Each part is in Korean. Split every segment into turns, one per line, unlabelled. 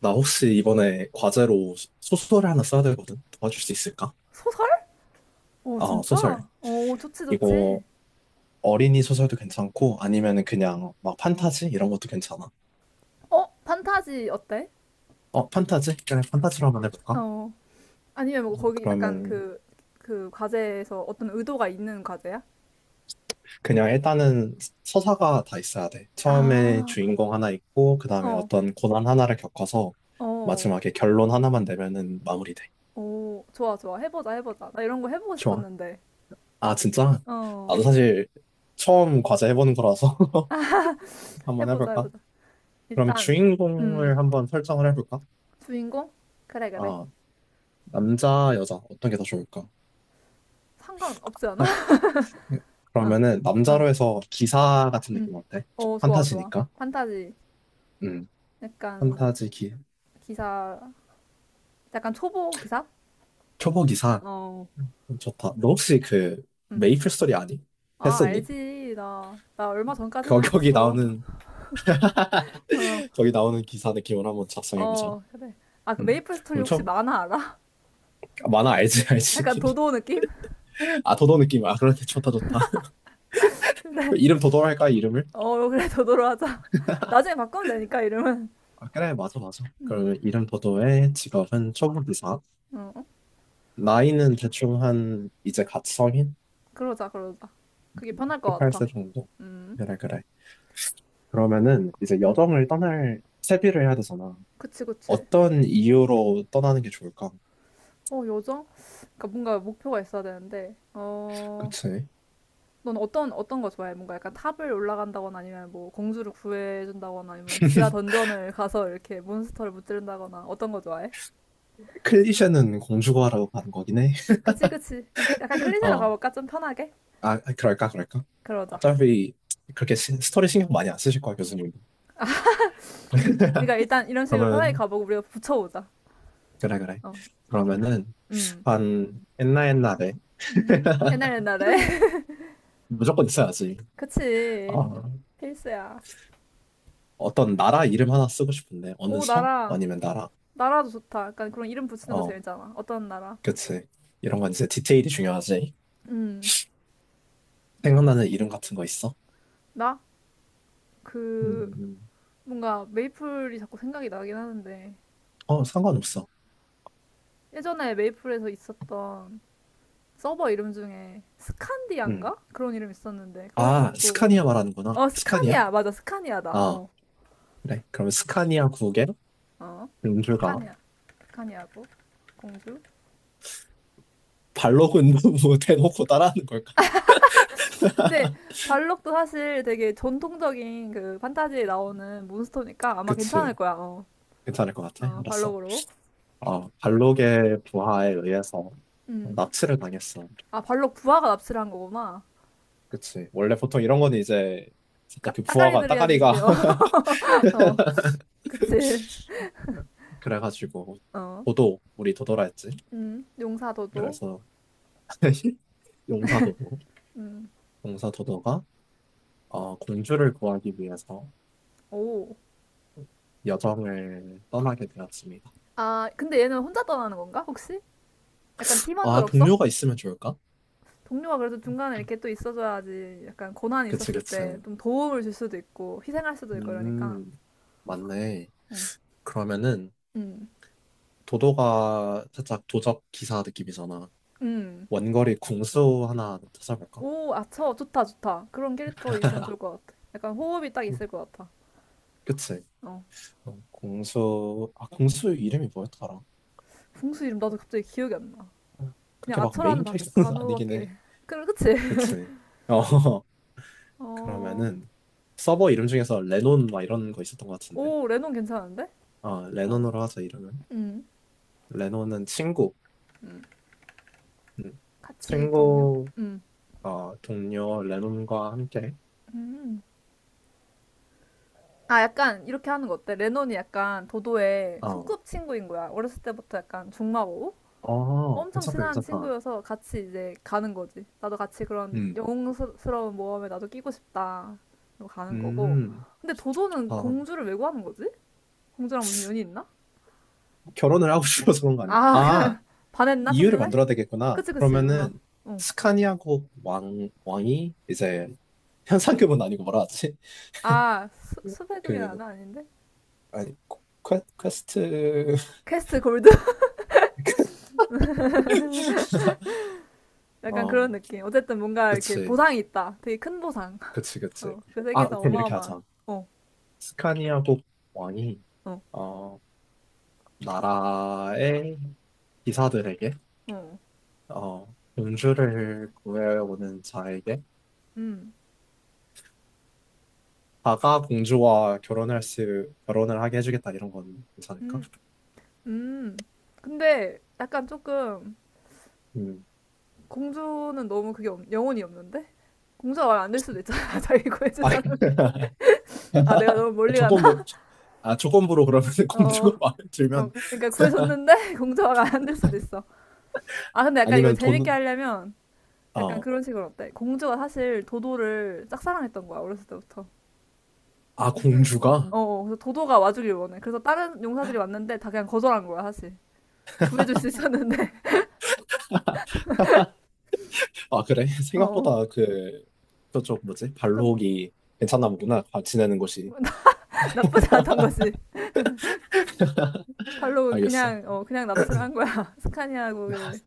나 혹시 이번에 과제로 소설을 하나 써야 되거든? 도와줄 수 있을까?
소설? 오,
어, 소설.
진짜? 오, 좋지,
이거
좋지.
어린이 소설도 괜찮고, 아니면 그냥 막 판타지? 이런 것도 괜찮아.
판타지 어때?
어, 판타지? 그냥 판타지로 한번 해볼까?
어. 아니면 뭐 거기 약간
그러면
그 과제에서 어떤 의도가 있는 과제야?
그냥 일단은 서사가 다 있어야 돼. 처음에
아.
주인공 하나 있고, 그 다음에
어,
어떤 고난 하나를 겪어서
어.
마지막에 결론 하나만 내면은 마무리돼.
오, 좋아, 좋아. 해보자, 해보자. 나 이런 거 해보고
좋아.
싶었는데.
아, 진짜?
어,
나도 사실 처음 과제 해보는 거라서 한번
해보자,
해볼까?
해보자.
그러면
일단, 음,
주인공을 한번 설정을 해볼까?
주인공? 그래, 그래.
아, 남자, 여자, 어떤 게 더 좋을까?
상관없지 않아?
하-
어,
그러면은,
어,
남자로 해서 기사 같은
음.
느낌 어때?
어, 좋아, 좋아.
판타지니까.
판타지.
음,
약간,
판타지 기,
기사, 약간 초보 기사?
초보 기사.
어.
좋다. 너 혹시 그,
음.
메이플 스토리 아니?
아,
했었니?
알지. 나 얼마 전까지도
거기
했었어.
나오는,
어,
거기 나오는 기사 느낌으로 한번 작성해보자.
어, 그래. 아, 그
음,
메이플 스토리
엄
혹시 만화 알아?
아 만화 알지, 알지.
약간 도도 느낌?
아, 도도 느낌. 아, 그런데 좋다, 좋다.
근데,
이름 도도로 할까, 이름을?
어, 그래, 도도로 하자. 나중에 바꾸면 되니까, 이름은.
아, 그래, 맞아, 맞아.
응,
그러면 이름 도도의 직업은 초보 기사.
어, 어?
나이는 대충 한 이제 갓 성인?
그러자, 그러자. 그게 편할 것 같아.
18세 정도?
음,
그래 그래. 그러면은 이제
음.
여정을 떠날 채비를 해야 되잖아.
그치, 그치.
어떤 이유로 떠나는 게 좋을까?
요정? 그러니까 뭔가 목표가 있어야 되는데,
그치?
넌 어떤 거 좋아해? 뭔가 약간 탑을 올라간다거나 아니면 뭐 공주를 구해준다거나 아니면 지하 던전을 가서 이렇게 몬스터를 무찌른다거나 어떤 거 좋아해?
클리셰는 공주과라고 가는 거긴 해.
그치, 그치. 그럼 약간
어.
클리셰로
아,
가볼까? 좀 편하게?
아, 그럴까 그럴까?
그러자.
어차피 그렇게 스토리 신경 많이 안 쓰실 거야 교수님.
그러니까 일단 이런 식으로 편하게
그러면
가보고 우리가 붙여보자.
그래 그래.
어,
그러면은
음.
한 옛날 옛날에
음. 옛날 옛날에.
무조건 있어야지.
그치.
어.
필수야.
어떤 나라 이름 하나 쓰고 싶은데 어느
오,
성?
나라.
아니면 나라?
나라도 좋다. 약간 그런 이름 붙이는 거
어,
재밌잖아. 어떤 나라?
그치. 이런 건 이제 디테일이 중요하지.
음.
생각나는 이름 같은 거 있어?
나? 그,
음,
뭔가 메이플이 자꾸 생각이 나긴 하는데.
어, 상관없어.
예전에 메이플에서 있었던 서버 이름 중에
음.
스칸디안가? 그런 이름 있었는데. 그런
아,
것도,
스카니아
어.
말하는구나.
어,
스카니아?
스카니아. 맞아, 스카니아다.
아,
어.
그래. 그럼 스카니아 국의
어,
음주가
스카니아, 스카니아고 공주.
발로그는 뭐 대놓고 따라하는 걸까?
근데 발록도 사실 되게 전통적인 그 판타지에 나오는 몬스터니까 아마
그치.
괜찮을 거야. 어,
괜찮을 것 같아.
어
알았어.
발록으로.
아, 발록의 부하에 의해서
음.
납치를 당했어.
아, 발록 부하가 납치를 한 거구나.
그치. 원래 보통 이런 거는 이제 진짜 그 부하가
따까리들이
따가리가
해주지. 어, 어, 그치.
그래가지고
어,
도도 우리 도도라 했지.
용사도도.
그래서 용사 도도
음,
용사 도도가 어, 공주를 구하기 위해서
오.
여정을 떠나게 되었습니다.
아, 근데 얘는 혼자 떠나는 건가? 혹시? 약간 팀원들
아
없어?
동료가 있으면 좋을까?
동료가 그래도 중간에 이렇게 또 있어줘야지 약간 고난이
그치
있었을
그치.
때 좀 도움을 줄 수도 있고 희생할 수도 있고 이러니까
음 맞네.
음,
그러면은
음,
도도가 살짝 도적 기사 느낌이잖아.
음.
원거리 궁수 하나 찾아볼까?
오, 아, 저 좋다, 좋다. 그런 캐릭터 있으면 좋을 것 같아. 약간 호흡이 딱 있을 것 같아.
그치.
어,
어, 공수, 아, 공수 이름이 뭐였더라?
궁수 이름 나도 갑자기 기억이 안 나. 그냥
그렇게 막
아처라는
메인 캐릭터는 아니긴
단어밖에.
해.
그럼 그치?
그치. 어,
어,
그러면은 서버 이름 중에서 레논 막 이런 거 있었던 것 같은데.
오, 레논 괜찮은데?
어,
어,
레논으로 하자, 이름은.
음,
레논은 친구.
음.
음.
같이 동료?
친구,
음,
어, 동료 레논과 함께.
음. 아, 약간 이렇게 하는 거 어때? 레논이 약간 도도의
어,
소꿉친구인 거야. 어렸을 때부터 약간 중마고
어,
엄청
괜찮다,
친한
괜찮다.
친구여서 같이 이제 가는 거지. 나도 같이 그런
음,
영웅스러운 모험에 나도 끼고 싶다. 그고 가는 거고.
음,
근데 도도는
어,
공주를 왜 구하는 거지? 공주랑 무슨 연이 있나?
결혼을 하고 싶어서 그런 거 아닐까?
아,
아,
그냥 반했나?
이유를
첫눈에?
만들어야 되겠구나.
그치, 그치. 뭔가.
그러면은 스카니아국 왕, 왕이 이제 현상금은 아니고 뭐라 하지?
아, 수,
그,
수배금이라나? 아닌데?
아니, 퀘스트
퀘스트 골드? 약간
어,
그런 느낌. 어쨌든 뭔가 이렇게
그치,
보상이 있다. 되게 큰 보상.
그치, 그치.
어, 그
아,
세계에서
그럼 이렇게
어마어마한.
하자.
어,
스카니아국 왕이,
어,
어, 나라의 기사들에게,
어.
어, 공주를 구해오는 자에게,
음,
다가 공주와 결혼할 수, 결혼을 하게 해주겠다, 이런 건 괜찮을까?
음, 음. 근데 약간 조금
음.
공주는 너무 그게 영혼이 없는데? 공주가 말 안 될 수도 있잖아. 자기 구해준
아,
사람이. 아, 내가 너무 멀리 가나?
조건부, 아, 조건부로 그러면
어,
공주가 마음에
어.
들면,
그러니까 구해줬는데 공주가 말 안 될 수도 있어. 아, 근데 약간 이걸
아니면
재밌게
돈,
하려면 약간
어,
그런 식으로 어때? 공주가 사실 도도를 짝사랑했던 거야, 어렸을 때부터.
아,
그래서-
공주가?
어, 어. 그래서 도도가 와주길 원해. 그래서 다른 용사들이 왔는데 다 그냥 거절한 거야, 사실. 구해줄 수 있었는데.
아, 그래?
어,
생각보다 그, 저쪽 뭐지?
좀
발록이 괜찮나 보구나. 아, 지내는 곳이.
나, 나쁘지 않던 거지. 팔로는
알겠어.
그냥 그냥 납치를 한 거야. 스카니아국을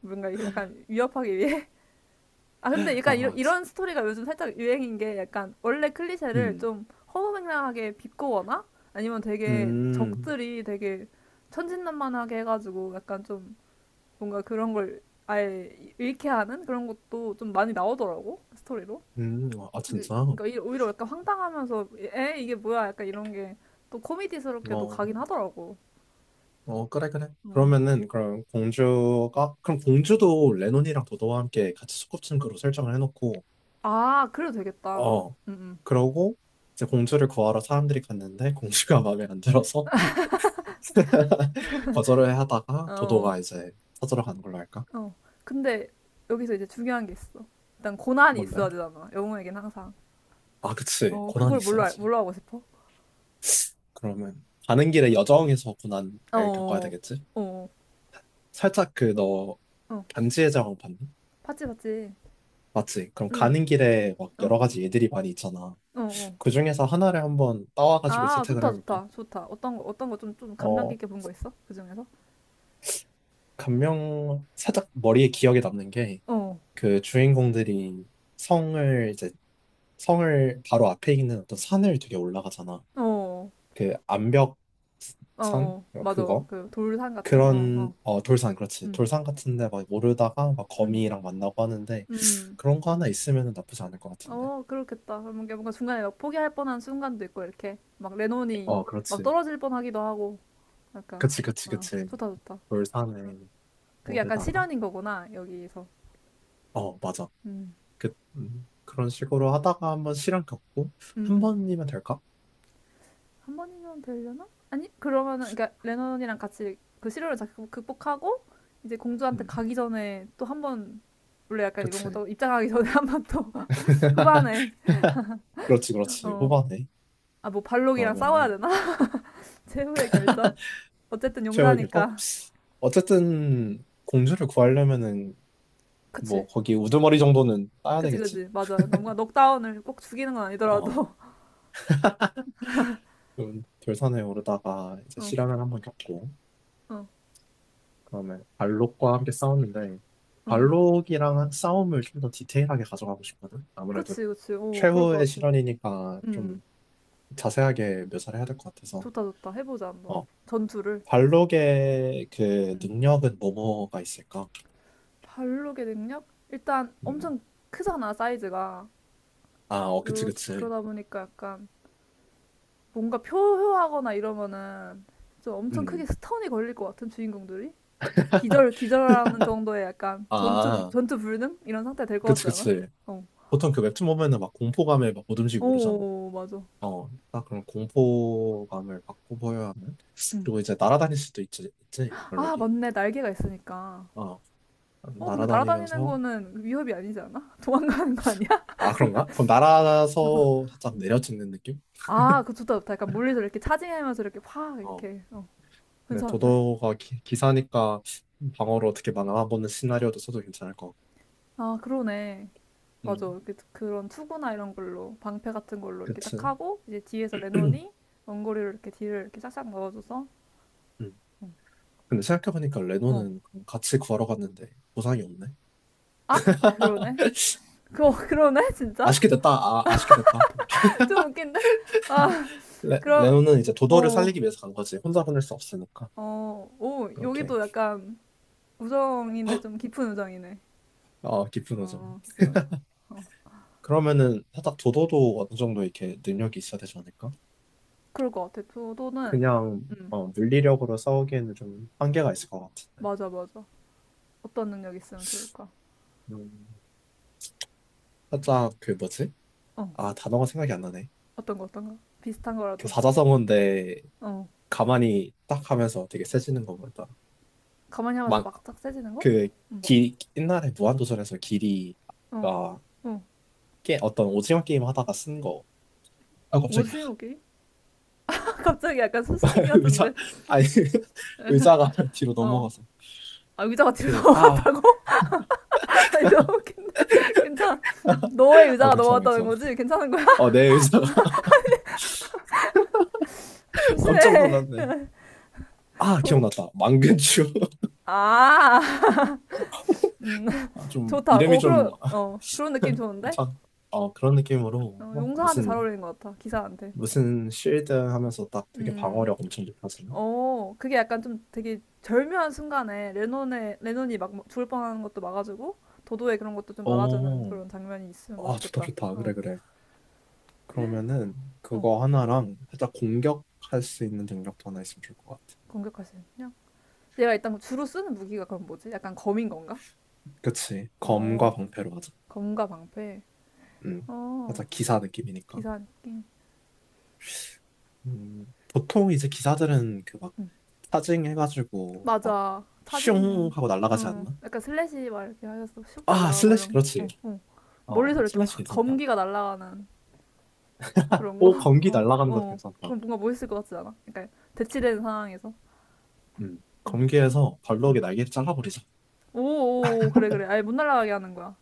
뭔가 약간 위협하기 위해. 아 근데 약간 이런,
아,
이런 스토리가 요즘 살짝 유행인 게 약간 원래 클리셰를
음,
좀 허무맹랑하게 비꼬거나 아니면 되게
음,
적들이 되게 천진난만하게 해가지고 약간 좀 뭔가 그런 걸 아예 잃게 하는 그런 것도 좀 많이 나오더라고 스토리로.
아, 진짜?
그러니까 오히려 약간 황당하면서 에 이게 뭐야 약간 이런 게 또 코미디스럽게도
어,
가긴 하더라고.
어, 그래, 그래.
음.
그러면은, 그럼 공주가, 그럼 공주도 레논이랑 도도와 함께 같이 소꿉친구로 설정을 해놓고,
아, 그래도 되겠다.
어,
음,
그러고, 이제 공주를 구하러 사람들이 갔는데, 공주가 마음에 안 들어서 거절을 하다가
어,
도도가 이제 찾으러 가는 걸로 할까?
어. 근데 여기서 이제 중요한 게 있어. 일단 고난이
뭔데?
있어야 되잖아. 영웅에겐 항상.
아, 그치.
어,
고난이
그걸 뭘로,
있어야지.
뭘로 하고 싶어?
그러면 가는 길에 여정에서 고난을
어,
겪어야
어,
되겠지?
어,
살짝 그 너
어.
반지의 제왕 봤니?
봤지, 봤지.
맞지? 그럼
응,
가는 길에 막
어,
여러 가지 예들이 많이 있잖아.
어, 어.
그 중에서 하나를 한번 따와가지고
아,
채택을
좋다,
해볼까?
좋다, 좋다. 어떤 거, 어떤 거 좀 감명
어,
깊게 본 거 있어? 그 중에서?
감명, 살짝 머리에 기억에 남는 게
어,
그 주인공들이 성을 이제 성을 바로 앞에 있는 어떤 산을 되게 올라가잖아.
어,
그 암벽
어,
산?
어. 맞아.
그거?
그 돌산 같은? 어,
그런
어.
어 돌산 그렇지
음,
돌산 같은데 막 모르다가 막
음,
거미랑 만나고 하는데
음.
그런 거 하나 있으면 나쁘지 않을 것 같은데
그렇겠다. 그러면 이게 뭔가 중간에 막 포기할 뻔한 순간도 있고, 이렇게. 막 레논이
어
막
그렇지
떨어질 뻔하기도 하고, 약간.
그치 그치
아,
그치
좋다, 좋다. 아,
돌산에
그게 약간
모르다가
실현인 거구나, 여기서.
어 맞아
음,
그 그런 식으로 하다가 한번 실현 겪고
음,
한
음.
번이면 될까
한 번이면 되려나? 아니, 그러면은, 그러니까 레논이랑 같이 그 시련을 극복하고, 이제 공주한테
음
가기 전에 또 한 번, 원래 약간 이런
그치
것도 입장하기 전에 한 번 또, 후반에,
그렇지 그렇지
어.
후반에
아, 뭐 발록이랑 싸워야
그러면은
되나? 최후의 결전? 어쨌든
최후의 결정 어
용사니까.
어쨌든 공주를 구하려면은 뭐
그치.
거기 우두머리 정도는 따야
그치,
되겠지
그치. 맞아. 그러니까 뭔가 넉다운을 꼭 죽이는 건 아니더라도.
그 결산에 오르다가 이제
어,
실현을 한번 겪고
어,
그다음에 발록과 함께 싸웠는데
어.
발록이랑 싸움을 좀 더 디테일하게 가져가고 싶거든. 아무래도
그치, 그치. 그럴
최후의
것 같아.
실현이니까
음,
좀 자세하게 묘사를 해야 될 것 같아서
좋다, 좋다. 해보자, 한번.
어
전투를.
발록의 그 능력은 뭐뭐가 있을까?
발록의 능력? 일단
음.
엄청 크잖아, 사이즈가.
아, 어, 그치,
그,
그치.
그러다 보니까 약간 뭔가 표효하거나 이러면은 좀 엄청 크게
음.
스턴이 걸릴 것 같은 주인공들이? 막 기절하는 정도의 약간 전투, 불-
아,
전투 불능? 이런 상태 될 것
그치,
같지 않아?
그치.
어.
보통 그 웹툰 보면은 막 공포감에 막 오듬지고 그러잖아.
오, 맞아.
어, 딱 그런 공포감을 받고 보여야 하는.
음.
그리고 이제 날아다닐 수도 있지, 있지,
아,
별로기.
맞네. 날개가 있으니까.
어,
어, 근데 날아다니는
날아다니면서.
거는 위협이 아니지 않아? 도망가는 거 아니야?
아, 그런가? 그럼 날아서 살짝 내려지는 느낌?
아, 그 좋다, 좋다. 약간 멀리서 이렇게 차징하면서 이렇게 확,
어,
이렇게. 어,
근데
괜찮은데?
도도가 기사니까 방어로 어떻게 막아보는 시나리오도 써도 괜찮을 것 같고.
아, 그러네. 맞아.
음,
이렇게 그런 투구나 이런 걸로, 방패 같은 걸로 이렇게 딱
그치.
하고, 이제 뒤에서 레논이 원거리로 이렇게 뒤를 이렇게 싹싹 넣어줘서.
음.
어.
근데 생각해보니까
어.
레노는 그럼 같이 걸어갔는데 보상이 없네.
아, 그러네. 그러네, 진짜?
아쉽게 됐다. 아, 아쉽게 됐다.
좀 웃긴데? 아, 그럼,
레노는 이제 도도를
어,
살리기 위해서 간 거지. 혼자 보낼 수 없으니까. 이렇게.
여기도 약간 우정인데 좀 깊은 우정이네.
어, 깊은 오점.
어, 깊은 우정. 어.
그러면은 살짝 도도도 어느 정도 이렇게 능력이 있어야 되지 않을까?
그럴 것 같아. 도도는,
그냥
음,
어, 물리력으로 싸우기에는 좀 한계가 있을 것 같은데.
맞아, 맞아. 어떤 능력 있으면 좋을까?
음, 살짝 그 뭐지?
어,
아 단어가 생각이 안 나네.
어떤 거, 어떤 거? 비슷한
그
거라도.
사자성어인데
어,
가만히 딱 하면서 되게 세지는 거 보다.
가만히 하면서
막그
막짝 세지는 거? 응,
기 옛날에 무한도전에서
어,
길이가
어.
게 어떤 오징어 게임 하다가 쓴 거. 아 갑자기야.
오징어 게임? 갑자기 약간 수수께끼 같은데.
의자 아니 의자가 뒤로
어.
넘어가서
아, 의자가 뒤로
그 아
넘어갔다고? 아니, 너무 웃긴데? 괜찮아. 너의
아
의자가
괜찮아
넘어갔다는
괜찮아.
거지? 괜찮은 거야?
어내 의자가 깜짝
조심해.
놀랐네. 아,
도,
기억났다. 망근추.
아, 음,
아, 좀,
좋다.
이름이 좀,
그런,
아,
어, 그런 느낌 좋은데?
괜찮, 어, 그런 느낌으로, 막
용사한테 잘
무슨,
어울리는 것 같아. 기사한테.
무슨 쉴드 하면서 딱 되게
음.
방어력 엄청 높아지는?
그게 약간 좀 되게 절묘한 순간에 레논의 레논이 막 뭐 죽을 뻔하는 것도 막아주고 도도의 그런 것도 좀 막아주는
오,
그런 장면이 있으면
아, 좋다,
멋있겠다.
좋다. 그래, 그래. 그러면은,
어,
그거 하나랑 살짝 공격할 수 있는 능력도 하나 있으면 좋을 것 같아.
공격할 수 있냐? 얘가 일단 뭐 주로 쓰는 무기가 그럼 뭐지? 약간 검인 건가?
그치. 검과
어,
방패로 하자.
검과 방패.
음,
어,
살짝 기사 느낌이니까.
기사님.
보통 이제 기사들은 그 막,
응,
사징 해가지고, 막,
맞아.
슝
차징.
하고 날아가지
응,
않나?
약간 슬래시 막 이렇게 하셔서 슉
아,
날아가고
슬래시,
이런.
그렇지.
어, 어.
어,
멀리서 이렇게
슬래시
팍
괜찮다.
검기가 날아가는 그런 거.
오, 검기
어,
날아가는 것도
어.
괜찮다.
그럼 뭔가 멋있을 것 같지 않아? 그러니까 대치되는 상황에서.
검기에서 발록의 날개를 잘라버리자.
오, 오, 그래, 그래. 아예 못 날아가게 하는 거야.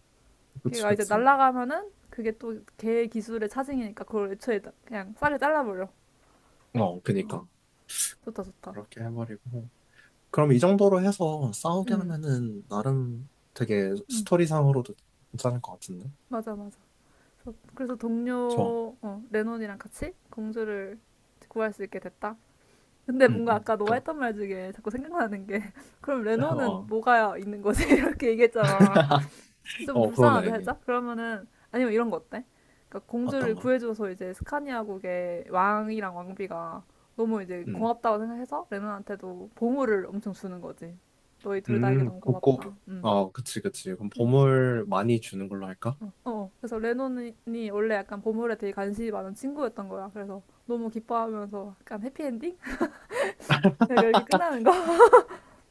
그치,
걔가 이제
그치.
날아가면은 그게 또 걔 기술의 차징이니까 그걸 애초에 그냥 쌀을 잘라버려.
어, 그니까.
좋다, 좋다.
그렇게 해버리고. 그럼 이 정도로 해서 싸우게
응,
하면은, 나름 되게
응.
스토리상으로도 괜찮을 것 같은데?
맞아, 맞아. 그래서
좋아.
동료, 레논이랑 같이 공주를 구할 수 있게 됐다. 근데
응,
뭔가
응.
아까 너가
그니까.
했던 말 중에 자꾸 생각나는 게 그럼 레논은
어,
뭐가 있는 거지? 이렇게 얘기했잖아. 좀
어,
불쌍한데
그러네.
살짝? 그러면은 아니면 이런 거 어때? 그러니까 공주를
어떤가?
구해줘서 이제 스카니아국의 왕이랑 왕비가 너무 이제
음,
고맙다고 생각해서 레논한테도 보물을 엄청 주는 거지. 너희 둘 다에게 너무 고맙다.
곱고,
음.
어, 그치, 그치. 그럼 보물 많이 주는 걸로 할까?
어, 그래서 레논이 원래 약간 보물에 되게 관심이 많은 친구였던 거야. 그래서 너무 기뻐하면서 약간 해피엔딩? 약간 이렇게 끝나는 거?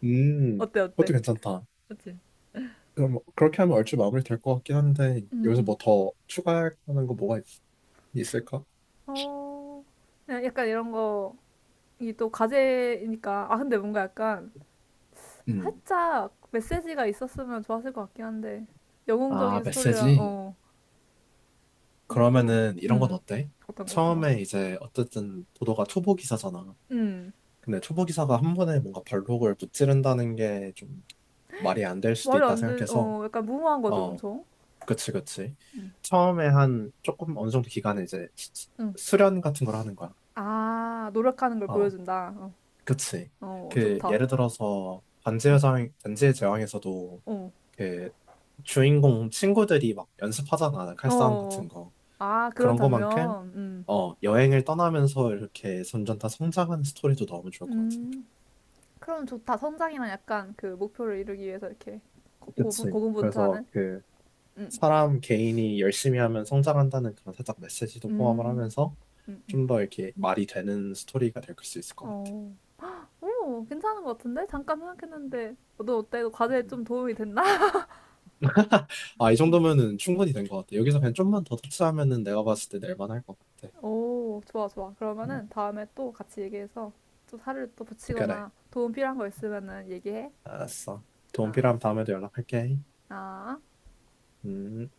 음,
어때,
그것도
어때?
괜찮다.
그치?
그럼 뭐 그렇게 하면 얼추 마무리 될 것 같긴 한데
응
여기서
응
뭐 더 추가하는 거 뭐가 있, 있을까?
어, 그냥 약간 이런 거, 이게 또 과제니까. 아, 근데 뭔가 약간
음.
살짝 메시지가 있었으면 좋았을 것 같긴 한데
아,
영웅적인 스토리랑
메시지?
어 이게 또
그러면은 이런 건
음
어때?
어떤 것 같은
처음에 이제 어쨌든 도도가 초보 기사잖아.
거음
근데 초보 기사가 한 번에 뭔가 발록을 무찌른다는 게 좀 말이 안 될 수도
말이
있다 생각해서
안돼어 약간 무모한 거죠
어,
엄청
그치, 그치. 처음에 한 조금 어느 정도 기간에 이제 수련 같은 걸 하는 거야.
음음아 노력하는 걸
어,
보여준다 어,
그치.
어
그
좋다
예를 들어서 반지의 제왕, 반지의 제왕에서도 그 주인공 친구들이 막 연습하잖아, 칼싸움 같은 거.
어어아 그런
그런 것만큼
장면
어, 여행을 떠나면서 이렇게 점점 다 성장하는 스토리도 너무 좋을 것 같은데.
음음 그럼 좋다 성장이랑 약간 그 목표를 이루기 위해서 이렇게 고- 고분-
그치. 그래서
고군분투하는
그 사람 개인이 열심히 하면 성장한다는 그런 살짝 메시지도 포함을 하면서
음음음어
좀 더 이렇게 말이 되는 스토리가 될 수 있을 것 같아.
오, 괜찮은 것 같은데? 잠깐 생각했는데, 너 어때? 너 과제에
음.
좀 도움이 됐나?
아, 이 정도면은 충분히 된 것 같아. 여기서 그냥 좀만 더 터치하면은 내가 봤을 때 낼만할 것 같아.
오, 좋아, 좋아.
음,
그러면은 다음에 또 같이 얘기해서 또 살을 또
그래.
붙이거나 도움 필요한 거 있으면은 얘기해.
알았어. 도움
아,
필요하면 다음에도 연락할게.
아.
음.